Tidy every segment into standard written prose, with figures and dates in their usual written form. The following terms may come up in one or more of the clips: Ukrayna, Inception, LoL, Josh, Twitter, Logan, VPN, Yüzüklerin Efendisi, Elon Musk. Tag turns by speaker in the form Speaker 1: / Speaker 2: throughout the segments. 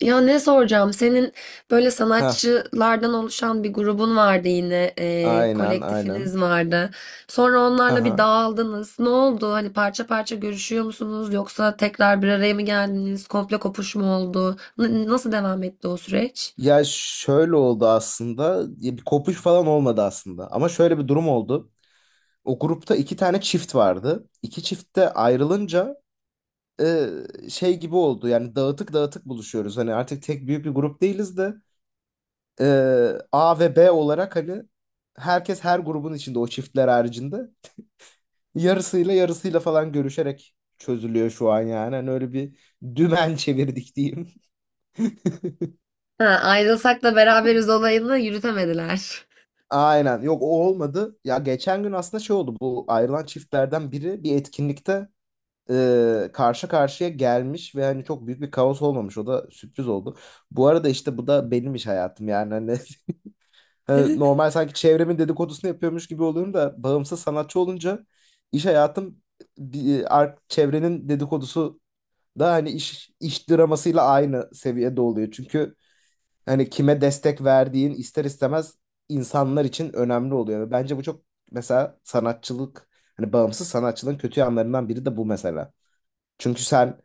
Speaker 1: Ya ne soracağım? Senin böyle
Speaker 2: Ha,
Speaker 1: sanatçılardan oluşan bir grubun vardı yine,
Speaker 2: aynen aynen.
Speaker 1: kolektifiniz vardı. Sonra
Speaker 2: Ha
Speaker 1: onlarla
Speaker 2: ha.
Speaker 1: bir dağıldınız. Ne oldu? Hani parça parça görüşüyor musunuz? Yoksa tekrar bir araya mı geldiniz? Komple kopuş mu oldu? Nasıl devam etti o süreç?
Speaker 2: Ya şöyle oldu aslında. Ya bir kopuş falan olmadı aslında. Ama şöyle bir durum oldu. O grupta iki tane çift vardı. İki çift de ayrılınca e, şey gibi oldu. Yani dağıtık dağıtık buluşuyoruz. Hani artık tek büyük bir grup değiliz de e, A ve B olarak hani herkes her grubun içinde o çiftler haricinde yarısıyla yarısıyla falan görüşerek çözülüyor şu an yani. Hani öyle bir dümen çevirdik diyeyim.
Speaker 1: Ha, ayrılsak da beraberiz olayını yürütemediler.
Speaker 2: Aynen. Yok, o olmadı. Ya geçen gün aslında şey oldu. Bu ayrılan çiftlerden biri bir etkinlikte karşı karşıya gelmiş ve hani çok büyük bir kaos olmamış. O da sürpriz oldu. Bu arada işte bu da benim iş hayatım yani. Hani, normal sanki çevremin dedikodusunu yapıyormuş gibi oluyorum da bağımsız sanatçı olunca iş hayatım çevrenin dedikodusu da hani iş dramasıyla aynı seviyede oluyor. Çünkü hani kime destek verdiğin ister istemez insanlar için önemli oluyor. Ve bence bu çok, mesela sanatçılık, hani bağımsız sanatçılığın kötü yanlarından biri de bu mesela. Çünkü sen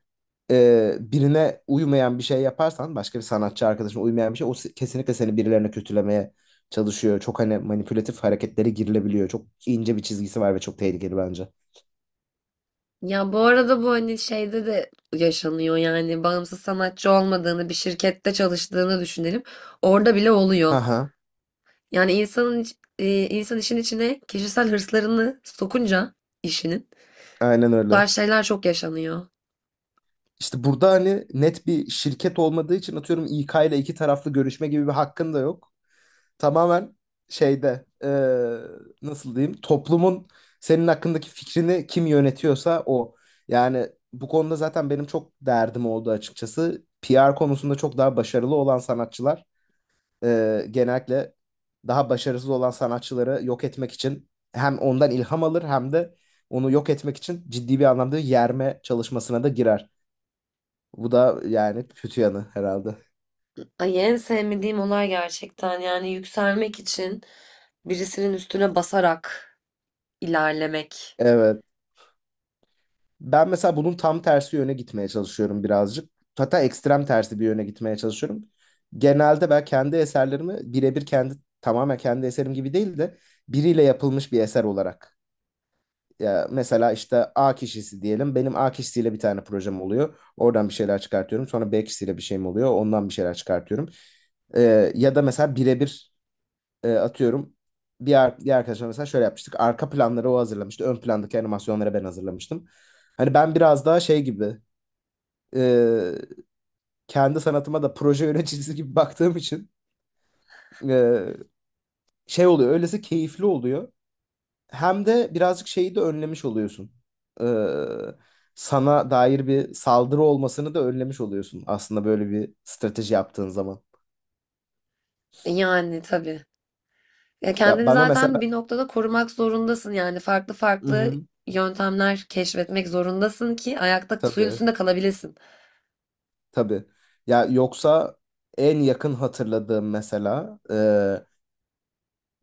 Speaker 2: birine uymayan bir şey yaparsan, başka bir sanatçı arkadaşına uymayan bir şey, kesinlikle seni birilerine kötülemeye çalışıyor. Çok hani manipülatif hareketlere girilebiliyor. Çok ince bir çizgisi var ve çok tehlikeli bence.
Speaker 1: Ya bu arada bu hani şeyde de yaşanıyor yani bağımsız sanatçı olmadığını bir şirkette çalıştığını düşünelim. Orada bile oluyor.
Speaker 2: Aha,
Speaker 1: Yani insan işin içine kişisel hırslarını sokunca işinin
Speaker 2: aynen
Speaker 1: bu
Speaker 2: öyle.
Speaker 1: tarz şeyler çok yaşanıyor.
Speaker 2: İşte burada hani net bir şirket olmadığı için, atıyorum, İK ile iki taraflı görüşme gibi bir hakkın da yok. Tamamen şeyde, nasıl diyeyim, toplumun senin hakkındaki fikrini kim yönetiyorsa o. Yani bu konuda zaten benim çok derdim oldu açıkçası. PR konusunda çok daha başarılı olan sanatçılar genellikle daha başarısız olan sanatçıları yok etmek için hem ondan ilham alır hem de onu yok etmek için ciddi bir anlamda yerme çalışmasına da girer. Bu da yani kötü yanı herhalde.
Speaker 1: Ay en sevmediğim olay gerçekten yani yükselmek için birisinin üstüne basarak ilerlemek.
Speaker 2: Evet. Ben mesela bunun tam tersi yöne gitmeye çalışıyorum birazcık. Hatta ekstrem tersi bir yöne gitmeye çalışıyorum. Genelde ben kendi eserlerimi birebir kendi, tamamen kendi eserim gibi değil de biriyle yapılmış bir eser olarak. Ya mesela işte A kişisi diyelim. Benim A kişisiyle bir tane projem oluyor. Oradan bir şeyler çıkartıyorum. Sonra B kişisiyle bir şeyim oluyor. Ondan bir şeyler çıkartıyorum. Ya da mesela birebir, atıyorum, bir arkadaşımla mesela şöyle yapmıştık. Arka planları o hazırlamıştı. Ön plandaki animasyonları ben hazırlamıştım. Hani ben biraz daha şey gibi, e, kendi sanatıma da proje yöneticisi gibi baktığım için e, şey oluyor. Öylesi keyifli oluyor. Hem de birazcık şeyi de önlemiş oluyorsun. E, sana dair bir saldırı olmasını da önlemiş oluyorsun aslında, böyle bir strateji yaptığın zaman.
Speaker 1: E yani tabii. Ya
Speaker 2: Ya
Speaker 1: kendini
Speaker 2: bana mesela.
Speaker 1: zaten bir noktada korumak zorundasın yani farklı
Speaker 2: Hı
Speaker 1: farklı
Speaker 2: hı.
Speaker 1: yöntemler keşfetmek zorundasın ki ayakta suyun
Speaker 2: Tabii.
Speaker 1: üstünde kalabilesin.
Speaker 2: Tabii. Ya yoksa en yakın hatırladığım, mesela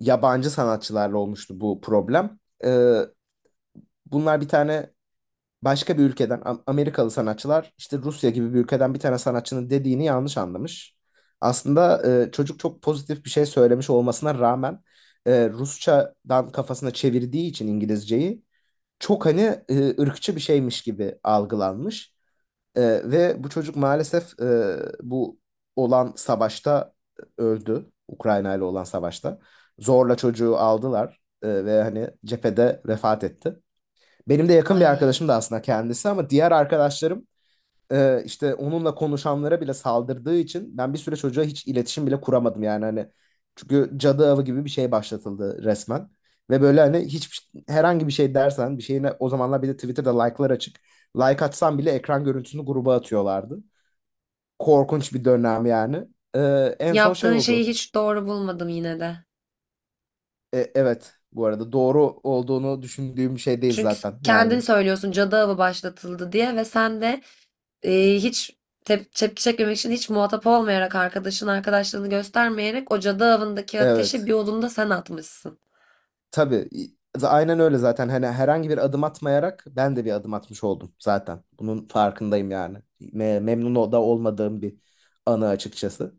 Speaker 2: yabancı sanatçılarla olmuştu bu problem. E, bunlar bir tane başka bir ülkeden Amerikalı sanatçılar, işte Rusya gibi bir ülkeden bir tane sanatçının dediğini yanlış anlamış. Aslında çocuk çok pozitif bir şey söylemiş olmasına rağmen Rusçadan kafasına çevirdiği için İngilizceyi, çok hani ırkçı bir şeymiş gibi algılanmış. Ee, ve bu çocuk maalesef bu olan savaşta öldü. Ukrayna ile olan savaşta. Zorla çocuğu aldılar ve hani cephede vefat etti. Benim de yakın bir arkadaşım da
Speaker 1: Ay
Speaker 2: aslında kendisi, ama diğer arkadaşlarım işte onunla konuşanlara bile saldırdığı için ben bir süre çocuğa hiç iletişim bile kuramadım yani hani, çünkü cadı avı gibi bir şey başlatıldı resmen. Ve böyle hani hiç herhangi bir şey dersen bir şeyine, o zamanlar bir de Twitter'da like'lar açık, like atsan bile ekran görüntüsünü gruba atıyorlardı. Korkunç bir dönem yani. E, en son şey
Speaker 1: yaptığın şeyi
Speaker 2: oldu.
Speaker 1: hiç doğru bulmadım yine de.
Speaker 2: Evet, bu arada doğru olduğunu düşündüğüm şey değil
Speaker 1: Çünkü
Speaker 2: zaten
Speaker 1: kendin
Speaker 2: yani.
Speaker 1: söylüyorsun cadı avı başlatıldı diye ve sen de hiç tepki çekmemek için hiç muhatap olmayarak arkadaşın arkadaşlığını göstermeyerek o cadı avındaki ateşi
Speaker 2: Evet.
Speaker 1: bir odunda sen atmışsın.
Speaker 2: Tabii. Aynen öyle zaten. Hani herhangi bir adım atmayarak ben de bir adım atmış oldum zaten. Bunun farkındayım yani. Memnun da olmadığım bir anı açıkçası.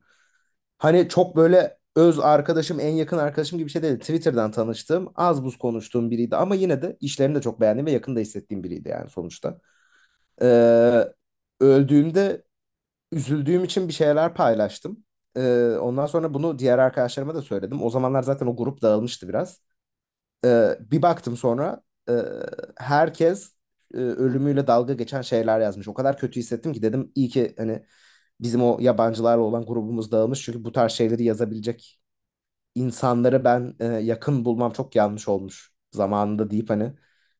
Speaker 2: Hani çok böyle öz arkadaşım, en yakın arkadaşım gibi bir şey değil. Twitter'dan tanıştığım, az buz konuştuğum biriydi, ama yine de işlerini de çok beğendiğim ve yakında hissettiğim biriydi yani sonuçta. Ee, öldüğümde üzüldüğüm için bir şeyler paylaştım. Ondan sonra bunu diğer arkadaşlarıma da söyledim. O zamanlar zaten o grup dağılmıştı biraz. Bir baktım sonra, e, herkes ölümüyle dalga geçen şeyler yazmış. O kadar kötü hissettim ki dedim, iyi ki hani bizim o yabancılarla olan grubumuz dağılmış. Çünkü bu tarz şeyleri yazabilecek insanları ben yakın bulmam çok yanlış olmuş zamanında, deyip hani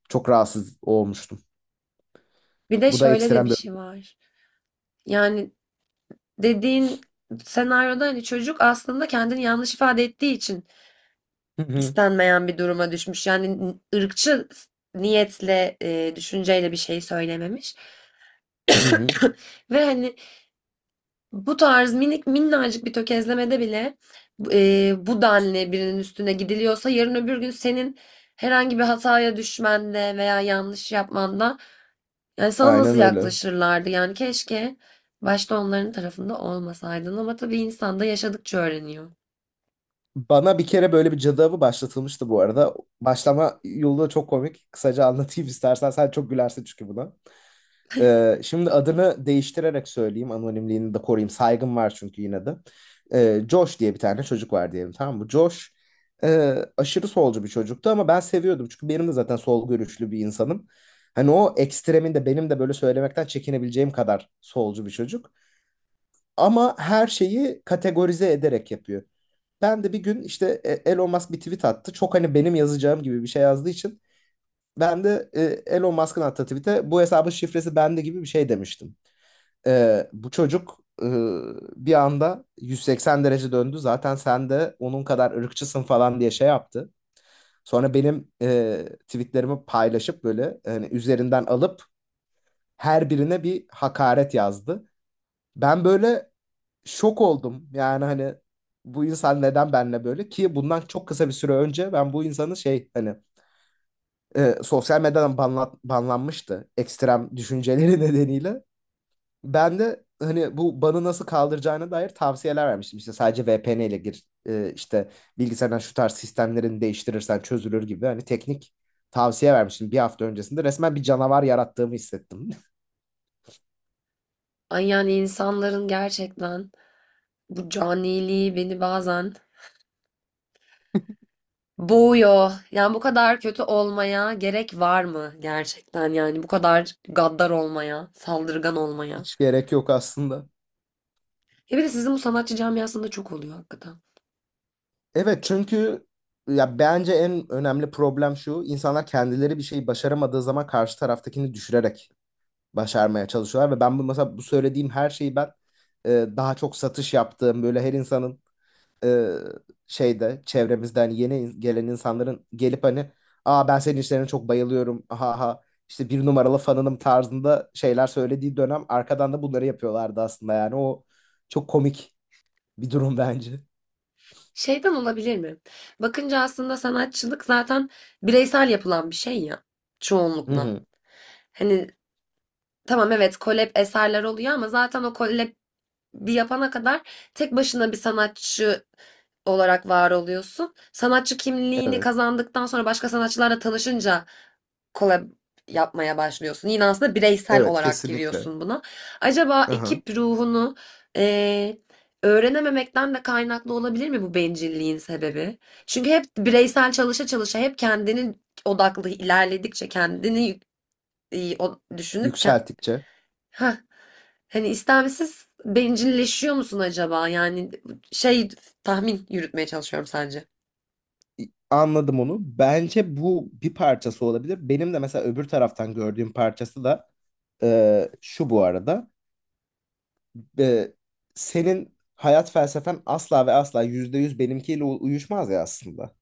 Speaker 2: çok rahatsız olmuştum.
Speaker 1: Bir de
Speaker 2: Bu da
Speaker 1: şöyle de
Speaker 2: ekstrem
Speaker 1: bir
Speaker 2: bir...
Speaker 1: şey var. Yani dediğin senaryoda hani çocuk aslında kendini yanlış ifade ettiği için
Speaker 2: Hı hı,
Speaker 1: istenmeyen bir duruma düşmüş. Yani ırkçı niyetle, düşünceyle bir şey söylememiş.
Speaker 2: hı hı.
Speaker 1: Ve hani bu tarz minik minnacık bir tökezlemede bile, bu denli birinin üstüne gidiliyorsa yarın öbür gün senin herhangi bir hataya düşmende veya yanlış yapmanda yani sana nasıl
Speaker 2: Aynen öyle.
Speaker 1: yaklaşırlardı? Yani keşke başta onların tarafında olmasaydın ama tabii insan da yaşadıkça öğreniyor.
Speaker 2: Bana bir kere böyle bir cadı avı başlatılmıştı bu arada. Başlama yolu da çok komik. Kısaca anlatayım istersen. Sen çok gülersin çünkü buna. Şimdi adını değiştirerek söyleyeyim. Anonimliğini de koruyayım. Saygım var çünkü yine de. Josh diye bir tane çocuk var diyelim, tamam mı? Josh aşırı solcu bir çocuktu ama ben seviyordum. Çünkü benim de zaten sol görüşlü bir insanım. Hani o ekstreminde, benim de böyle söylemekten çekinebileceğim kadar solcu bir çocuk. Ama her şeyi kategorize ederek yapıyor. Ben de bir gün işte, Elon Musk bir tweet attı. Çok hani benim yazacağım gibi bir şey yazdığı için ben de Elon Musk'ın attığı tweet'e "bu hesabın şifresi bende" gibi bir şey demiştim. Bu çocuk bir anda 180 derece döndü. "Zaten sen de onun kadar ırkçısın" falan diye şey yaptı. Sonra benim tweetlerimi paylaşıp böyle hani üzerinden alıp her birine bir hakaret yazdı. Ben böyle şok oldum. Yani hani bu insan neden benimle böyle? Ki bundan çok kısa bir süre önce ben bu insanı şey hani sosyal medyadan banlanmıştı ekstrem düşünceleri nedeniyle. Ben de hani bu banı nasıl kaldıracağına dair tavsiyeler vermiştim. İşte sadece VPN ile gir, işte bilgisayardan şu tarz sistemlerini değiştirirsen çözülür gibi hani teknik tavsiye vermiştim bir hafta öncesinde. Resmen bir canavar yarattığımı hissettim.
Speaker 1: Ay yani insanların gerçekten bu caniliği beni bazen boğuyor. Yani bu kadar kötü olmaya gerek var mı gerçekten yani bu kadar gaddar olmaya, saldırgan olmaya.
Speaker 2: Hiç gerek yok aslında.
Speaker 1: Ya bir de sizin bu sanatçı camiasında çok oluyor hakikaten.
Speaker 2: Evet, çünkü ya bence en önemli problem şu. İnsanlar kendileri bir şeyi başaramadığı zaman karşı taraftakini düşürerek başarmaya çalışıyorlar. Ve ben bu, mesela bu söylediğim her şeyi ben e, daha çok satış yaptığım böyle her insanın, e, şeyde, çevremizden yeni gelen insanların gelip hani, "aa ben senin işlerine çok bayılıyorum, ha ha, işte bir numaralı fanınım" tarzında şeyler söylediği dönem, arkadan da bunları yapıyorlardı aslında. Yani o çok komik bir durum bence.
Speaker 1: Şeyden olabilir mi? Bakınca aslında sanatçılık zaten bireysel yapılan bir şey ya,
Speaker 2: Hı
Speaker 1: çoğunlukla.
Speaker 2: hı.
Speaker 1: Hani tamam, evet, kolab eserler oluyor ama zaten o kolab bir yapana kadar tek başına bir sanatçı olarak var oluyorsun. Sanatçı kimliğini
Speaker 2: Evet.
Speaker 1: kazandıktan sonra başka sanatçılarla tanışınca kolab yapmaya başlıyorsun. Yine aslında bireysel
Speaker 2: Evet,
Speaker 1: olarak
Speaker 2: kesinlikle.
Speaker 1: giriyorsun buna. Acaba
Speaker 2: Aha.
Speaker 1: ekip ruhunu eee, öğrenememekten de kaynaklı olabilir mi bu bencilliğin sebebi? Çünkü hep bireysel çalışa çalışa hep kendini odaklı ilerledikçe kendini düşünüp
Speaker 2: Yükselttikçe.
Speaker 1: heh. Hani istemsiz bencilleşiyor musun acaba? Yani şey, tahmin yürütmeye çalışıyorum sence.
Speaker 2: Anladım onu. Bence bu bir parçası olabilir. Benim de mesela öbür taraftan gördüğüm parçası da şu, bu arada. e, senin hayat felsefen asla ve asla %100 benimkiyle uyuşmaz ya aslında.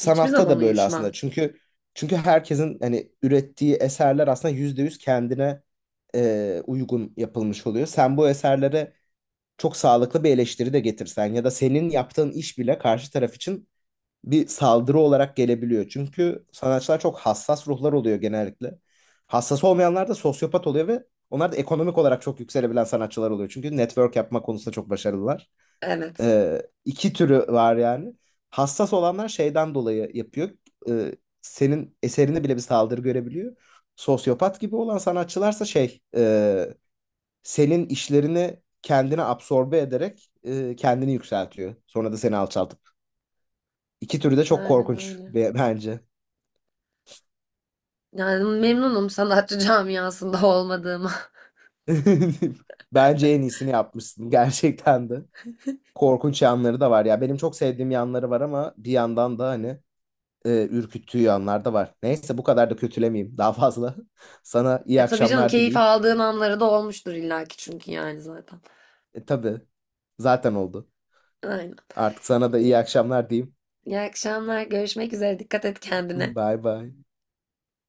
Speaker 1: Hiçbir zaman
Speaker 2: da böyle aslında.
Speaker 1: uyuşmaz.
Speaker 2: Çünkü herkesin hani ürettiği eserler aslında %100 kendine uygun yapılmış oluyor. Sen bu eserlere çok sağlıklı bir eleştiri de getirsen, ya da senin yaptığın iş bile karşı taraf için bir saldırı olarak gelebiliyor. Çünkü sanatçılar çok hassas ruhlar oluyor genellikle. Hassas olmayanlar da sosyopat oluyor, ve onlar da ekonomik olarak çok yükselebilen sanatçılar oluyor. Çünkü network yapma konusunda çok başarılılar.
Speaker 1: Evet.
Speaker 2: İki türü var yani. Hassas olanlar şeyden dolayı yapıyor. Ee, senin eserini bile bir saldırı görebiliyor. Sosyopat gibi olan sanatçılarsa şey, senin işlerini kendine absorbe ederek kendini yükseltiyor. Sonra da seni alçaltıp... İki türü de çok
Speaker 1: Aynen
Speaker 2: korkunç
Speaker 1: öyle.
Speaker 2: bence.
Speaker 1: Yani memnunum sanatçı camiasında olmadığıma.
Speaker 2: Bence en iyisini yapmışsın gerçekten de. Korkunç yanları da var ya. Benim çok sevdiğim yanları var ama bir yandan da hani ürküttüğü yanlar da var. Neyse, bu kadar da kötülemeyeyim daha fazla. Sana iyi
Speaker 1: E tabii canım,
Speaker 2: akşamlar
Speaker 1: keyif
Speaker 2: dileyip,
Speaker 1: aldığın anları da olmuştur illaki çünkü yani zaten.
Speaker 2: tabii zaten oldu.
Speaker 1: Aynen.
Speaker 2: Artık sana da iyi
Speaker 1: Peki.
Speaker 2: akşamlar diyeyim.
Speaker 1: İyi akşamlar. Görüşmek üzere. Dikkat et kendine.
Speaker 2: Bye bye.